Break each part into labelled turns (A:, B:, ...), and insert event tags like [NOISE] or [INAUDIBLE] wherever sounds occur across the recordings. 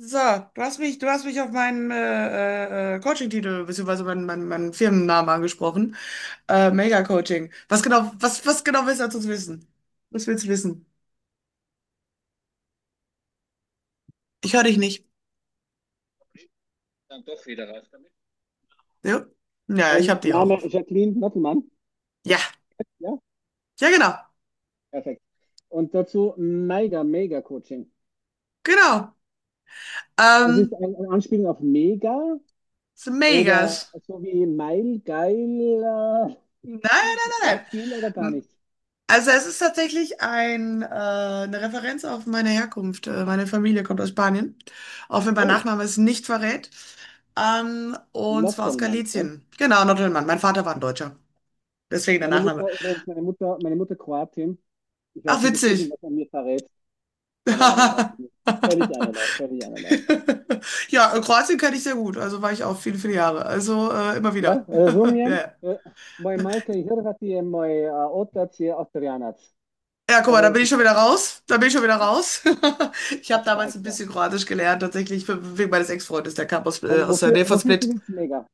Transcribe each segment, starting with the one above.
A: So, du hast mich auf meinen Coaching-Titel beziehungsweise meinen Firmennamen angesprochen. Mega-Coaching. Was genau, was genau willst du dazu wissen? Was willst du wissen? Ich höre dich nicht.
B: Dann doch wieder raus damit.
A: Ja? Ja, ich hab die auch
B: Name
A: auf.
B: Jacqueline Nottelmann.
A: Ja,
B: Ja,
A: ja, genau.
B: perfekt. Und dazu Mega Coaching.
A: Genau.
B: Es ist
A: Ähm,
B: eine Anspielung auf Mega
A: Ist
B: oder
A: Megas.
B: so wie Meil, geil,
A: Nein, nein, nein,
B: Wortspiel oder gar
A: nein.
B: nichts.
A: Also es ist tatsächlich eine Referenz auf meine Herkunft. Meine Familie kommt aus Spanien, auch wenn mein
B: Oh,
A: Nachname es nicht verrät. Und zwar aus
B: Nottelmann. Ne?
A: Galizien. Genau, Nordrhein-Mann. Mein Vater war ein Deutscher. Deswegen der
B: Meine
A: Nachname.
B: Mutter, übrigens, meine Mutter Kroatin. Ich
A: Ach,
B: weiß nicht, ob es
A: witzig.
B: irgendwas an mir verrät. Keine Ahnung, weiß ich nicht.
A: [LAUGHS]
B: Völlig einerlei, völlig einerlei.
A: Ja, Kroatien kenne ich sehr gut. Also war ich auch viele, viele Jahre. Also immer
B: Ja,
A: wieder. [LAUGHS]
B: razumijem.
A: Ja.
B: Moj majka i Hrvati je moj a, otac je Austrijanac.
A: Ja, guck mal, da
B: Aber
A: bin
B: das
A: ich
B: ist
A: schon
B: ja.
A: wieder raus. Da bin ich schon wieder raus. [LAUGHS] Ich habe
B: Also klar,
A: damals ein
B: also klar.
A: bisschen Kroatisch gelernt, tatsächlich wegen meines Ex-Freundes, der kam
B: Nein,
A: aus der Nähe von
B: wofür ist die
A: Split.
B: Witz mega?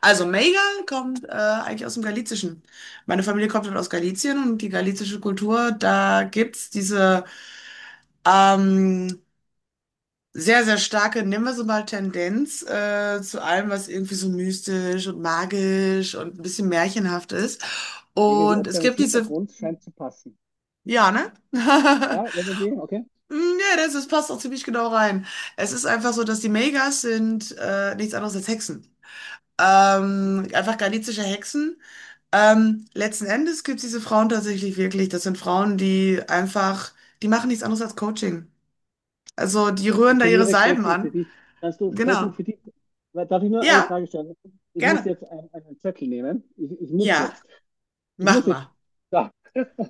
A: Also Mega kommt eigentlich aus dem Galizischen. Meine Familie kommt dann aus Galizien und die galizische Kultur, da gibt's diese ähm, sehr, sehr starke, nennen wir sie mal, Tendenz zu allem, was irgendwie so mystisch und magisch und ein bisschen märchenhaft ist.
B: Irgendwie
A: Und
B: ob
A: es
B: deines
A: gibt diese,
B: Hintergrunds scheint zu passen.
A: ja, ne? [LAUGHS]
B: Ja, irgendwie, okay.
A: Hm, ja, das passt auch ziemlich genau rein. Es ist einfach so, dass die Megas sind nichts anderes als Hexen.
B: Mhm.
A: Einfach galizische Hexen. Letzten Endes gibt es diese Frauen tatsächlich wirklich. Das sind Frauen, die machen nichts anderes als Coaching. Also die rühren da ihre
B: Definiere
A: Salben
B: Coaching für
A: an.
B: dich. Kannst du Coaching
A: Genau.
B: für dich? Darf ich nur eine
A: Ja,
B: Frage stellen? Ich muss
A: gerne.
B: jetzt einen Zettel nehmen. Ich muss
A: Ja,
B: jetzt. Ich
A: mach
B: muss jetzt.
A: mal.
B: Da.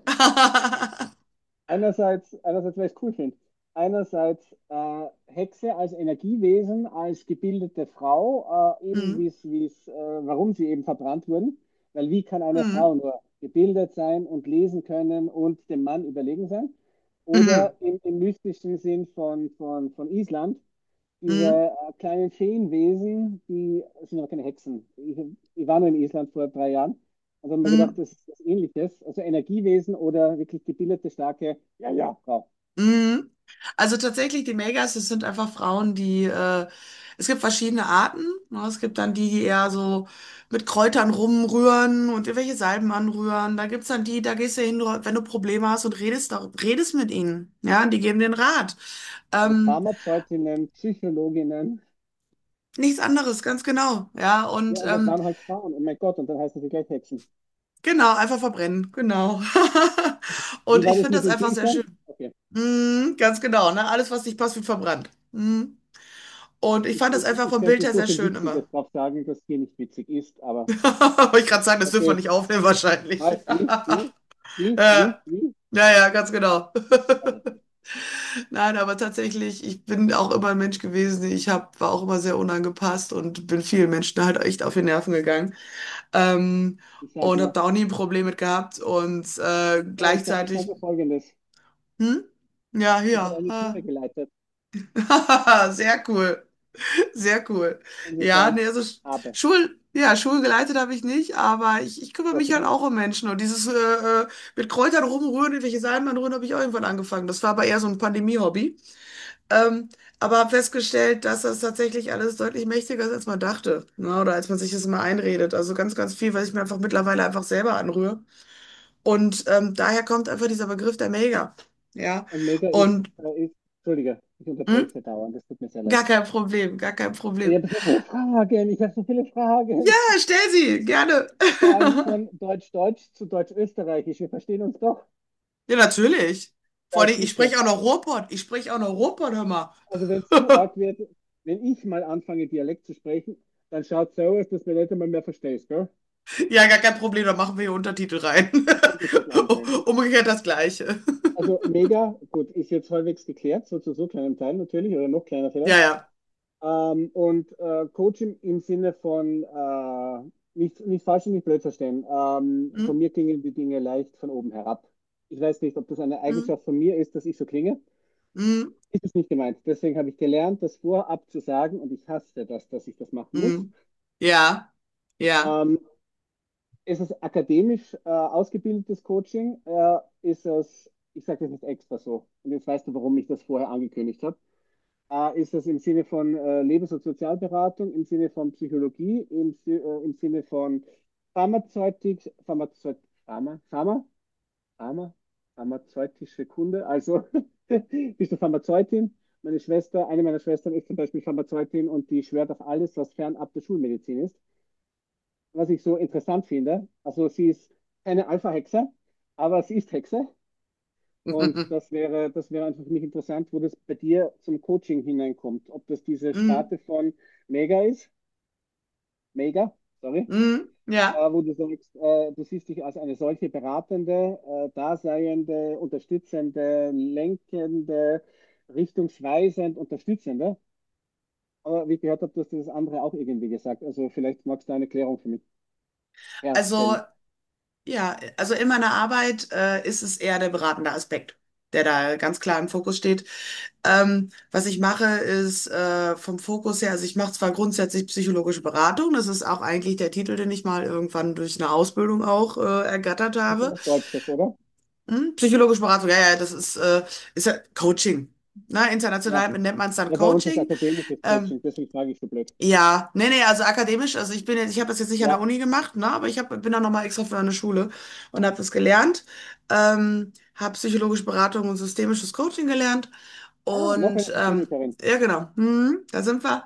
A: [LAUGHS]
B: Einerseits, einerseits, weil ich es cool finde, einerseits Hexe als Energiewesen, als gebildete Frau, eben
A: Mhm.
B: wie es, warum sie eben verbrannt wurden. Weil wie kann eine
A: Mhm.
B: Frau nur gebildet sein und lesen können und dem Mann überlegen sein?
A: Mhm.
B: Oder im, im mystischen Sinn von Island, diese
A: Mhm.
B: kleinen Feenwesen, die es sind aber keine Hexen. Ich war nur in Island vor drei Jahren und habe mir gedacht,
A: Mhm.
B: das ist was Ähnliches. Also Energiewesen oder wirklich gebildete, starke, ja, ja, Frau.
A: Mhm. Also tatsächlich, die Megas, das sind einfach Frauen, es gibt verschiedene Arten. Ne? Es gibt dann die, die eher so mit Kräutern rumrühren und irgendwelche Salben anrühren. Da gibt's dann die, da gehst du hin, wenn du Probleme hast und redest, redest mit ihnen. Ja, die geben den Rat.
B: Also
A: Ähm,
B: Pharmazeutinnen, Psychologinnen.
A: Nichts anderes, ganz genau. Ja,
B: Ja,
A: und
B: und das waren halt Frauen. Oh mein Gott, und dann heißen sie gleich Hexen.
A: genau, einfach verbrennen, genau. [LAUGHS]
B: Wie
A: Und
B: war
A: ich
B: das
A: finde
B: mit
A: das
B: den
A: einfach sehr schön.
B: Büchern? Okay.
A: Mhm, ganz genau, ne? Alles, was nicht passt, wird verbrannt. Mhm. Und ich
B: Ich,
A: fand das
B: ich,
A: einfach
B: ich
A: vom
B: könnte
A: Bild
B: jetzt
A: her
B: so
A: sehr
B: viel
A: schön immer.
B: Witziges drauf sagen, dass hier nicht witzig ist,
A: [LAUGHS]
B: aber
A: Wollte ich gerade sagen, das dürfen wir
B: okay,
A: nicht aufnehmen wahrscheinlich.
B: was, wie, wie, wie,
A: Äh,
B: wie, wie?
A: naja, ganz genau.
B: Okay.
A: Nein, aber tatsächlich, ich bin auch immer ein Mensch gewesen. War auch immer sehr unangepasst und bin vielen Menschen halt echt auf die Nerven gegangen. Ähm,
B: Ich sage
A: und habe
B: nur,
A: da auch nie ein Problem mit gehabt. Und
B: ja, ich sag
A: gleichzeitig,
B: nur Folgendes.
A: hm? Ja,
B: Ich habe eine Schule
A: ja.
B: geleitet.
A: Ah. [LAUGHS] Sehr cool. Sehr cool. Ja,
B: Insofern
A: nee, also
B: habe,
A: Schul, ja, Schulgeleitet habe ich nicht, aber ich kümmere
B: Gott
A: mich
B: sei
A: halt
B: Dank.
A: auch um Menschen. Und dieses mit Kräutern rumrühren, irgendwelche Salmen rühren, habe ich auch irgendwann angefangen. Das war aber eher so ein Pandemie-Hobby. Ähm, aber habe festgestellt, dass das tatsächlich alles deutlich mächtiger ist, als man dachte. Ne? Oder als man sich das immer einredet. Also ganz, ganz viel, was ich mir einfach mittlerweile einfach selber anrühre. Und daher kommt einfach dieser Begriff der Mega. Ja.
B: Und Mega ist,
A: Und
B: ist Entschuldige, ich
A: hm,
B: unterbreche dauernd, das tut mir sehr
A: gar
B: leid.
A: kein Problem, gar kein
B: Ich
A: Problem.
B: habe so viele Fragen, ich habe so viele
A: Ja,
B: Fragen.
A: stell sie, gerne.
B: Vor allem
A: [LAUGHS]
B: von Deutsch-Deutsch zu Deutsch-Österreichisch. Wir verstehen uns doch.
A: Ja, natürlich.
B: Da
A: Vor
B: ist
A: allem, ich
B: Piefke.
A: spreche auch noch Ruhrpott. Ich spreche auch noch Ruhrpott, hör mal.
B: Also wenn es zu
A: [LAUGHS]
B: arg wird, wenn ich mal anfange, Dialekt zu sprechen, dann schaut es so aus, dass mir nicht einmal mehr verstehst, gell?
A: Ja, gar kein Problem, da machen wir hier Untertitel rein.
B: Und den Titel
A: [LAUGHS]
B: einblenden.
A: Umgekehrt das Gleiche. [LAUGHS]
B: Also mega, gut, ist jetzt halbwegs geklärt, so zu so kleinem Teil natürlich, oder noch kleiner
A: Ja,
B: vielleicht.
A: ja.
B: Und Coach im Sinne von nicht falsch und nicht blöd verstehen. Von
A: Hm,
B: mir klingen die Dinge leicht von oben herab. Ich weiß nicht, ob das eine
A: hm,
B: Eigenschaft von mir ist, dass ich so klinge.
A: hm,
B: Ist es nicht gemeint. Deswegen habe ich gelernt, das vorab zu sagen und ich hasse das, dass ich das machen muss.
A: hm. Ja, ja.
B: Ähm, ist es akademisch ausgebildetes Coaching? Ist es, ich sage das nicht extra so. Und jetzt weißt du, warum ich das vorher angekündigt habe. Ah, ist das im Sinne von Lebens- und Sozialberatung, im Sinne von Psychologie, im Sinne von Pharmazeutik, Pharmazeut, Pharma, Pharma, Pharma, pharmazeutische Kunde? Also [LAUGHS] bist du Pharmazeutin? Meine Schwester, eine meiner Schwestern ist zum Beispiel Pharmazeutin und die schwört auf alles, was fernab der Schulmedizin ist. Was ich so interessant finde, also sie ist keine Alpha-Hexe, aber sie ist Hexe. Und
A: [LAUGHS]
B: das wäre einfach für mich interessant, wo das bei dir zum Coaching hineinkommt. Ob das diese
A: Hm,
B: Sparte von Mega ist, Mega, sorry,
A: hm, ja.
B: wo du sagst, du siehst dich als eine solche beratende, daseiende, unterstützende, lenkende, richtungsweisend, unterstützende. Aber wie ich gehört habe, du hast das andere auch irgendwie gesagt. Also vielleicht magst du eine Erklärung für mich
A: Also,
B: herstellen.
A: ja, also in meiner Arbeit ist es eher der beratende Aspekt, der da ganz klar im Fokus steht. Was ich mache, ist vom Fokus her, also ich mache zwar grundsätzlich psychologische Beratung, das ist auch eigentlich der Titel, den ich mal irgendwann durch eine Ausbildung auch ergattert
B: Das ist
A: habe.
B: etwas Deutsches, oder?
A: Hm? Psychologische Beratung, ja, ja, ist ja Coaching. Na,
B: Ja.
A: international nennt man es dann
B: Ja, bei uns ist
A: Coaching.
B: akademisches
A: Ähm,
B: Coaching, deswegen frage ich so blöd.
A: ja, nee, nee, also akademisch, ich habe das jetzt nicht an der
B: Ja.
A: Uni gemacht, ne, aber bin dann nochmal extra für eine Schule und habe das gelernt. Habe psychologische Beratung und systemisches Coaching gelernt.
B: Ah, noch eine
A: Und
B: Systemikerin.
A: ja, genau, da sind wir.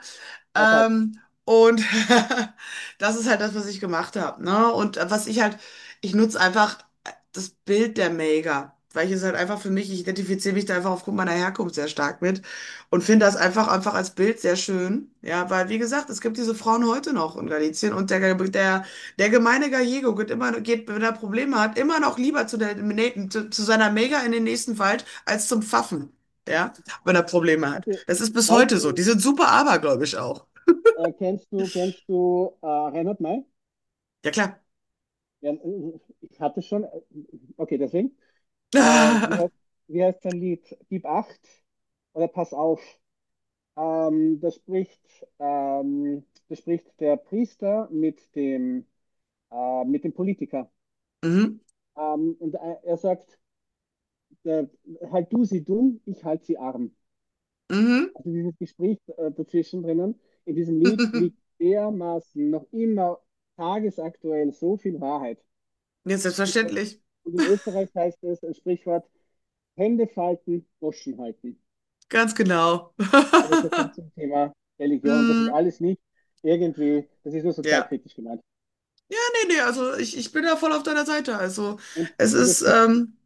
B: High five.
A: Ähm, und [LAUGHS] das ist halt das, was ich gemacht habe. Ne? Und was ich halt, ich nutze einfach das Bild der Mega weil ich es halt einfach für mich, ich identifiziere mich da einfach aufgrund meiner Herkunft sehr stark mit und finde das einfach, einfach als Bild sehr schön. Ja, weil wie gesagt, es gibt diese Frauen heute noch in Galicien und der gemeine Gallego geht immer, geht, wenn er Probleme hat, immer noch lieber zu seiner Mega in den nächsten Wald als zum Pfaffen. Ja wenn er Probleme hat.
B: Okay.
A: Das ist bis
B: Weißt
A: heute so. Die
B: du,
A: sind super abergläubisch auch.
B: kennst du Reinhard May?
A: Ja, klar.
B: Ja, ich hatte schon, okay, deswegen.
A: [LAUGHS]
B: Äh, wie,
A: Ah,
B: heißt- wie heißt sein Lied? Gib acht oder pass auf. Ähm, da spricht, da spricht der Priester mit dem Politiker.
A: mhm.
B: Und er sagt, der, halt du sie dumm, ich halt sie arm.
A: Mhm.
B: Also dieses Gespräch dazwischen drinnen, in diesem Lied liegt
A: [LAUGHS]
B: dermaßen noch immer tagesaktuell so viel Wahrheit.
A: Ja, selbstverständlich.
B: Und in Österreich heißt es ein Sprichwort, Hände falten, Goschen halten.
A: Ganz genau. [LAUGHS]
B: Also so viel zum Thema Religion. Das ist
A: Mm,
B: alles nicht irgendwie, das ist nur
A: ja.
B: sozialkritisch gemeint.
A: Ja, nee, nee, also ich bin da voll auf deiner Seite. Also
B: Und,
A: es
B: das,
A: ist
B: Bild,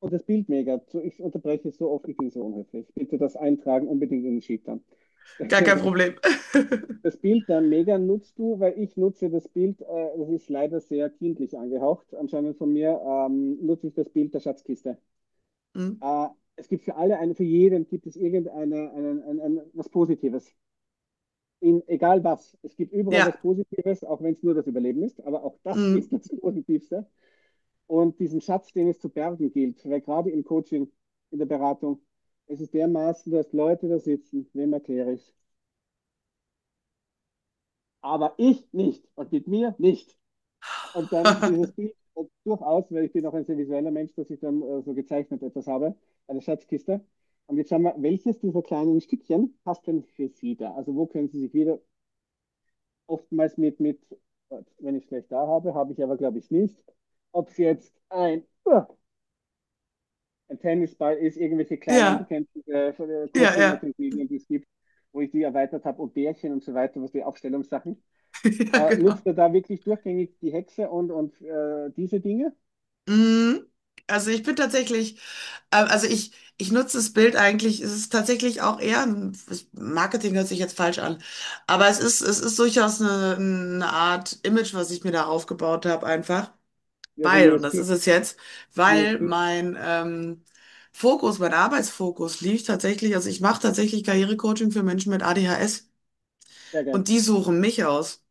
B: und das Bild mega. Ich unterbreche so oft, ich bin so unhöflich. Bitte das eintragen, unbedingt in den Sheet dann.
A: gar kein
B: [LAUGHS]
A: Problem. [LAUGHS]
B: Das Bild der Megan nutzt du, weil ich nutze das Bild, das ist leider sehr kindlich angehaucht, anscheinend von mir, nutze ich das Bild der Schatzkiste.
A: Mm,
B: Äh, es gibt für alle, eine, für jeden gibt es ein, was Positives. In, egal was. Es gibt überall was
A: ja.
B: Positives, auch wenn es nur das Überleben ist, aber auch das [LAUGHS]
A: Mm.
B: ist das Positivste. Und diesen Schatz, den es zu bergen gilt, weil gerade im Coaching, in der Beratung, es ist dermaßen, dass Leute da sitzen, wem erkläre ich es? Aber ich nicht und mit mir nicht. Und dann dieses
A: [LAUGHS]
B: Bild, durchaus, weil ich bin auch ein sehr visueller Mensch, dass ich dann so gezeichnet etwas habe, eine Schatzkiste. Und jetzt schauen wir, welches dieser kleinen Stückchen passt denn für Sie da? Also wo können Sie sich wieder oftmals Gott, wenn ich es schlecht da habe, habe ich aber glaube ich nicht. Ob es jetzt uah, ein Tennisball ist, irgendwelche kleinen,
A: Ja,
B: bekannten
A: ja,
B: Coaching und
A: ja.
B: Medien, die es gibt, wo ich die erweitert habe, und Bärchen und so weiter, was die Aufstellungssachen.
A: [LAUGHS] Ja,
B: Nutzt
A: genau.
B: er da wirklich durchgängig die Hexe und diese Dinge?
A: Mm, Also ich bin tatsächlich. Also ich nutze das Bild eigentlich, es ist tatsächlich auch eher Marketing hört sich jetzt falsch an, aber es ist durchaus eine Art Image, was ich mir da aufgebaut habe, einfach,
B: Ja, also
A: weil, und das
B: USP.
A: ist es jetzt, weil
B: USP,
A: mein Fokus, mein Arbeitsfokus liegt tatsächlich, also ich mache tatsächlich Karrierecoaching für Menschen mit ADHS
B: sehr gern.
A: und die suchen mich aus.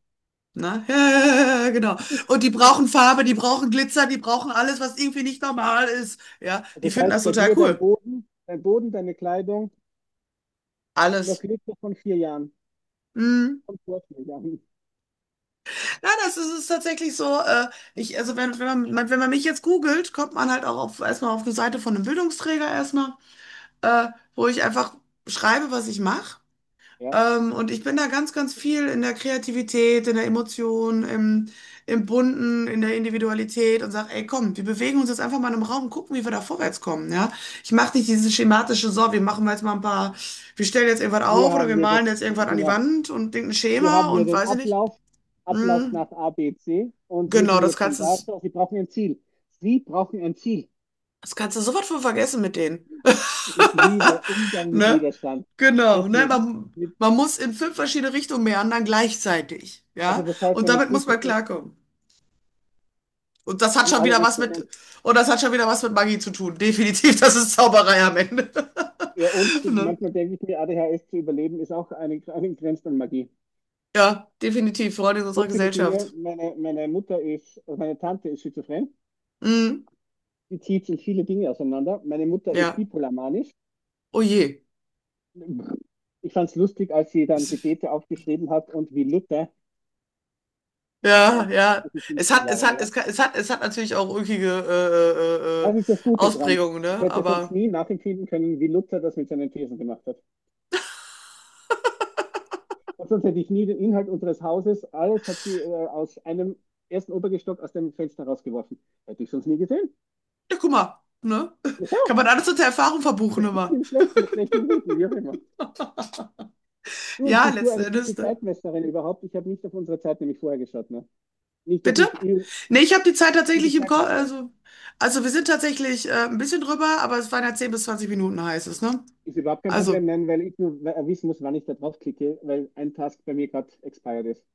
A: Ne? [LAUGHS] Genau. Und die brauchen Farbe, die brauchen Glitzer, die brauchen alles, was irgendwie nicht normal ist. Ja, die
B: Das
A: finden das
B: heißt, bei
A: total
B: dir
A: cool.
B: Dein Boden, deine Kleidung, noch
A: Alles.
B: Liste von vier Jahren.
A: Mhm.
B: Von vor vier Jahren.
A: Ja, das ist tatsächlich so. Ich, also wenn, wenn man mich jetzt googelt, kommt man halt auch auf, erstmal auf eine Seite von einem Bildungsträger erstmal, äh, wo ich einfach schreibe, was ich mache.
B: Ja.
A: Und ich bin da ganz, ganz viel in der Kreativität, in der Emotion, im Bunten, in der Individualität und sage, ey, komm, wir bewegen uns jetzt einfach mal in einem Raum und gucken, wie wir da vorwärts kommen. Ja? Ich mache nicht dieses schematische, so, wir machen jetzt mal ein paar, wir stellen jetzt irgendwas
B: Hier
A: auf oder
B: haben
A: wir
B: wir das,
A: malen jetzt irgendwas an die
B: genau.
A: Wand und denken ein
B: Hier
A: Schema
B: haben wir
A: und
B: den
A: weiß ich nicht.
B: Ablauf, Ablauf
A: Mm.
B: nach A, B, C und wir
A: Genau,
B: sind jetzt schon da. So, Sie brauchen ein Ziel. Sie brauchen ein Ziel.
A: das kannst du sofort von vergessen mit denen.
B: Ich liebe
A: [LAUGHS]
B: Umgang mit
A: Ne?
B: Widerstand.
A: Genau, ne?
B: Deswegen, mit,
A: Man muss in fünf verschiedene Richtungen meandern gleichzeitig,
B: also
A: ja?
B: das heißt,
A: Und
B: wenn ich
A: damit
B: es
A: muss man
B: richtig
A: klarkommen. Und das hat
B: in
A: schon
B: alle
A: wieder was mit,
B: Richtungen.
A: und das hat schon wieder was mit Magie zu tun. Definitiv, das ist Zauberei am Ende. [LAUGHS]
B: Ja, und du,
A: Ne?
B: manchmal denke ich mir, ADHS zu überleben ist eine Grenze an Magie.
A: Ja, definitiv, Freunde in
B: So
A: unserer
B: viele Dinge.
A: Gesellschaft.
B: Also meine Tante ist schizophren.
A: Mhm.
B: Die zieht sich viele Dinge auseinander. Meine Mutter ist
A: Ja,
B: bipolarmanisch.
A: oh je.
B: Ich fand es lustig, als sie dann
A: Es,
B: Gebete aufgeschrieben hat und wie Luther,
A: ja,
B: nein,
A: ja.
B: das ist
A: Es
B: 15
A: hat, es
B: Jahre
A: hat, es,
B: her.
A: kann- es hat, Es hat natürlich auch ulkige
B: Was ist das Gute dran?
A: Ausprägungen,
B: Ich
A: ne?
B: hätte sonst
A: Aber.
B: nie nachempfinden können, wie Luther das mit seinen Thesen gemacht hat. Und sonst hätte ich nie den Inhalt unseres Hauses, alles hat sie aus einem ersten Obergestock aus dem Fenster rausgeworfen. Hätte ich sonst nie gesehen.
A: Ja, guck mal, ne?
B: Ja,
A: [LAUGHS]
B: schau,
A: Kann man alles unter Erfahrung verbuchen
B: das gibt
A: immer.
B: im Schlechten, das Schlechte im Guten, wie auch immer. Du,
A: Ja,
B: bist du
A: letzten
B: eine
A: Endes,
B: gute
A: ne?
B: Zeitmesserin überhaupt? Ich habe nicht auf unsere Zeit nämlich vorher geschaut. Ne? Nicht, dass
A: Bitte?
B: ich
A: Nee, ich habe die Zeit
B: gute
A: tatsächlich im Kopf,
B: Zeitmesserin.
A: also wir sind tatsächlich ein bisschen drüber, aber es waren ja 10 bis 20 Minuten, heißt es, ne?
B: Ist überhaupt kein Problem,
A: Also,
B: nein, weil ich nur wissen muss, wann ich da draufklicke, weil ein Task bei mir gerade expired ist.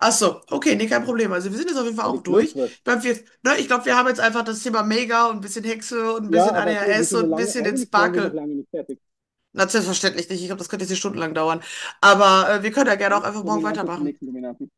A: ach so, okay, nee, kein Problem. Also wir sind jetzt auf jeden Fall
B: Weil
A: auch
B: ich
A: durch.
B: blutwurscht.
A: Ich glaube, wir, ne, ich glaub, wir haben jetzt einfach das Thema Mega und ein bisschen Hexe und ein
B: Ja,
A: bisschen
B: aber du, wir
A: ADHS
B: sind noch
A: und ein
B: lange,
A: bisschen den
B: eigentlich wären wir noch
A: Sparkle.
B: lange nicht fertig.
A: Na, selbstverständlich nicht. Ich glaube, das könnte jetzt hier stundenlang dauern. Aber wir können ja gerne auch
B: Ein
A: einfach morgen
B: Dominante zum
A: weitermachen.
B: nächsten Dominanten.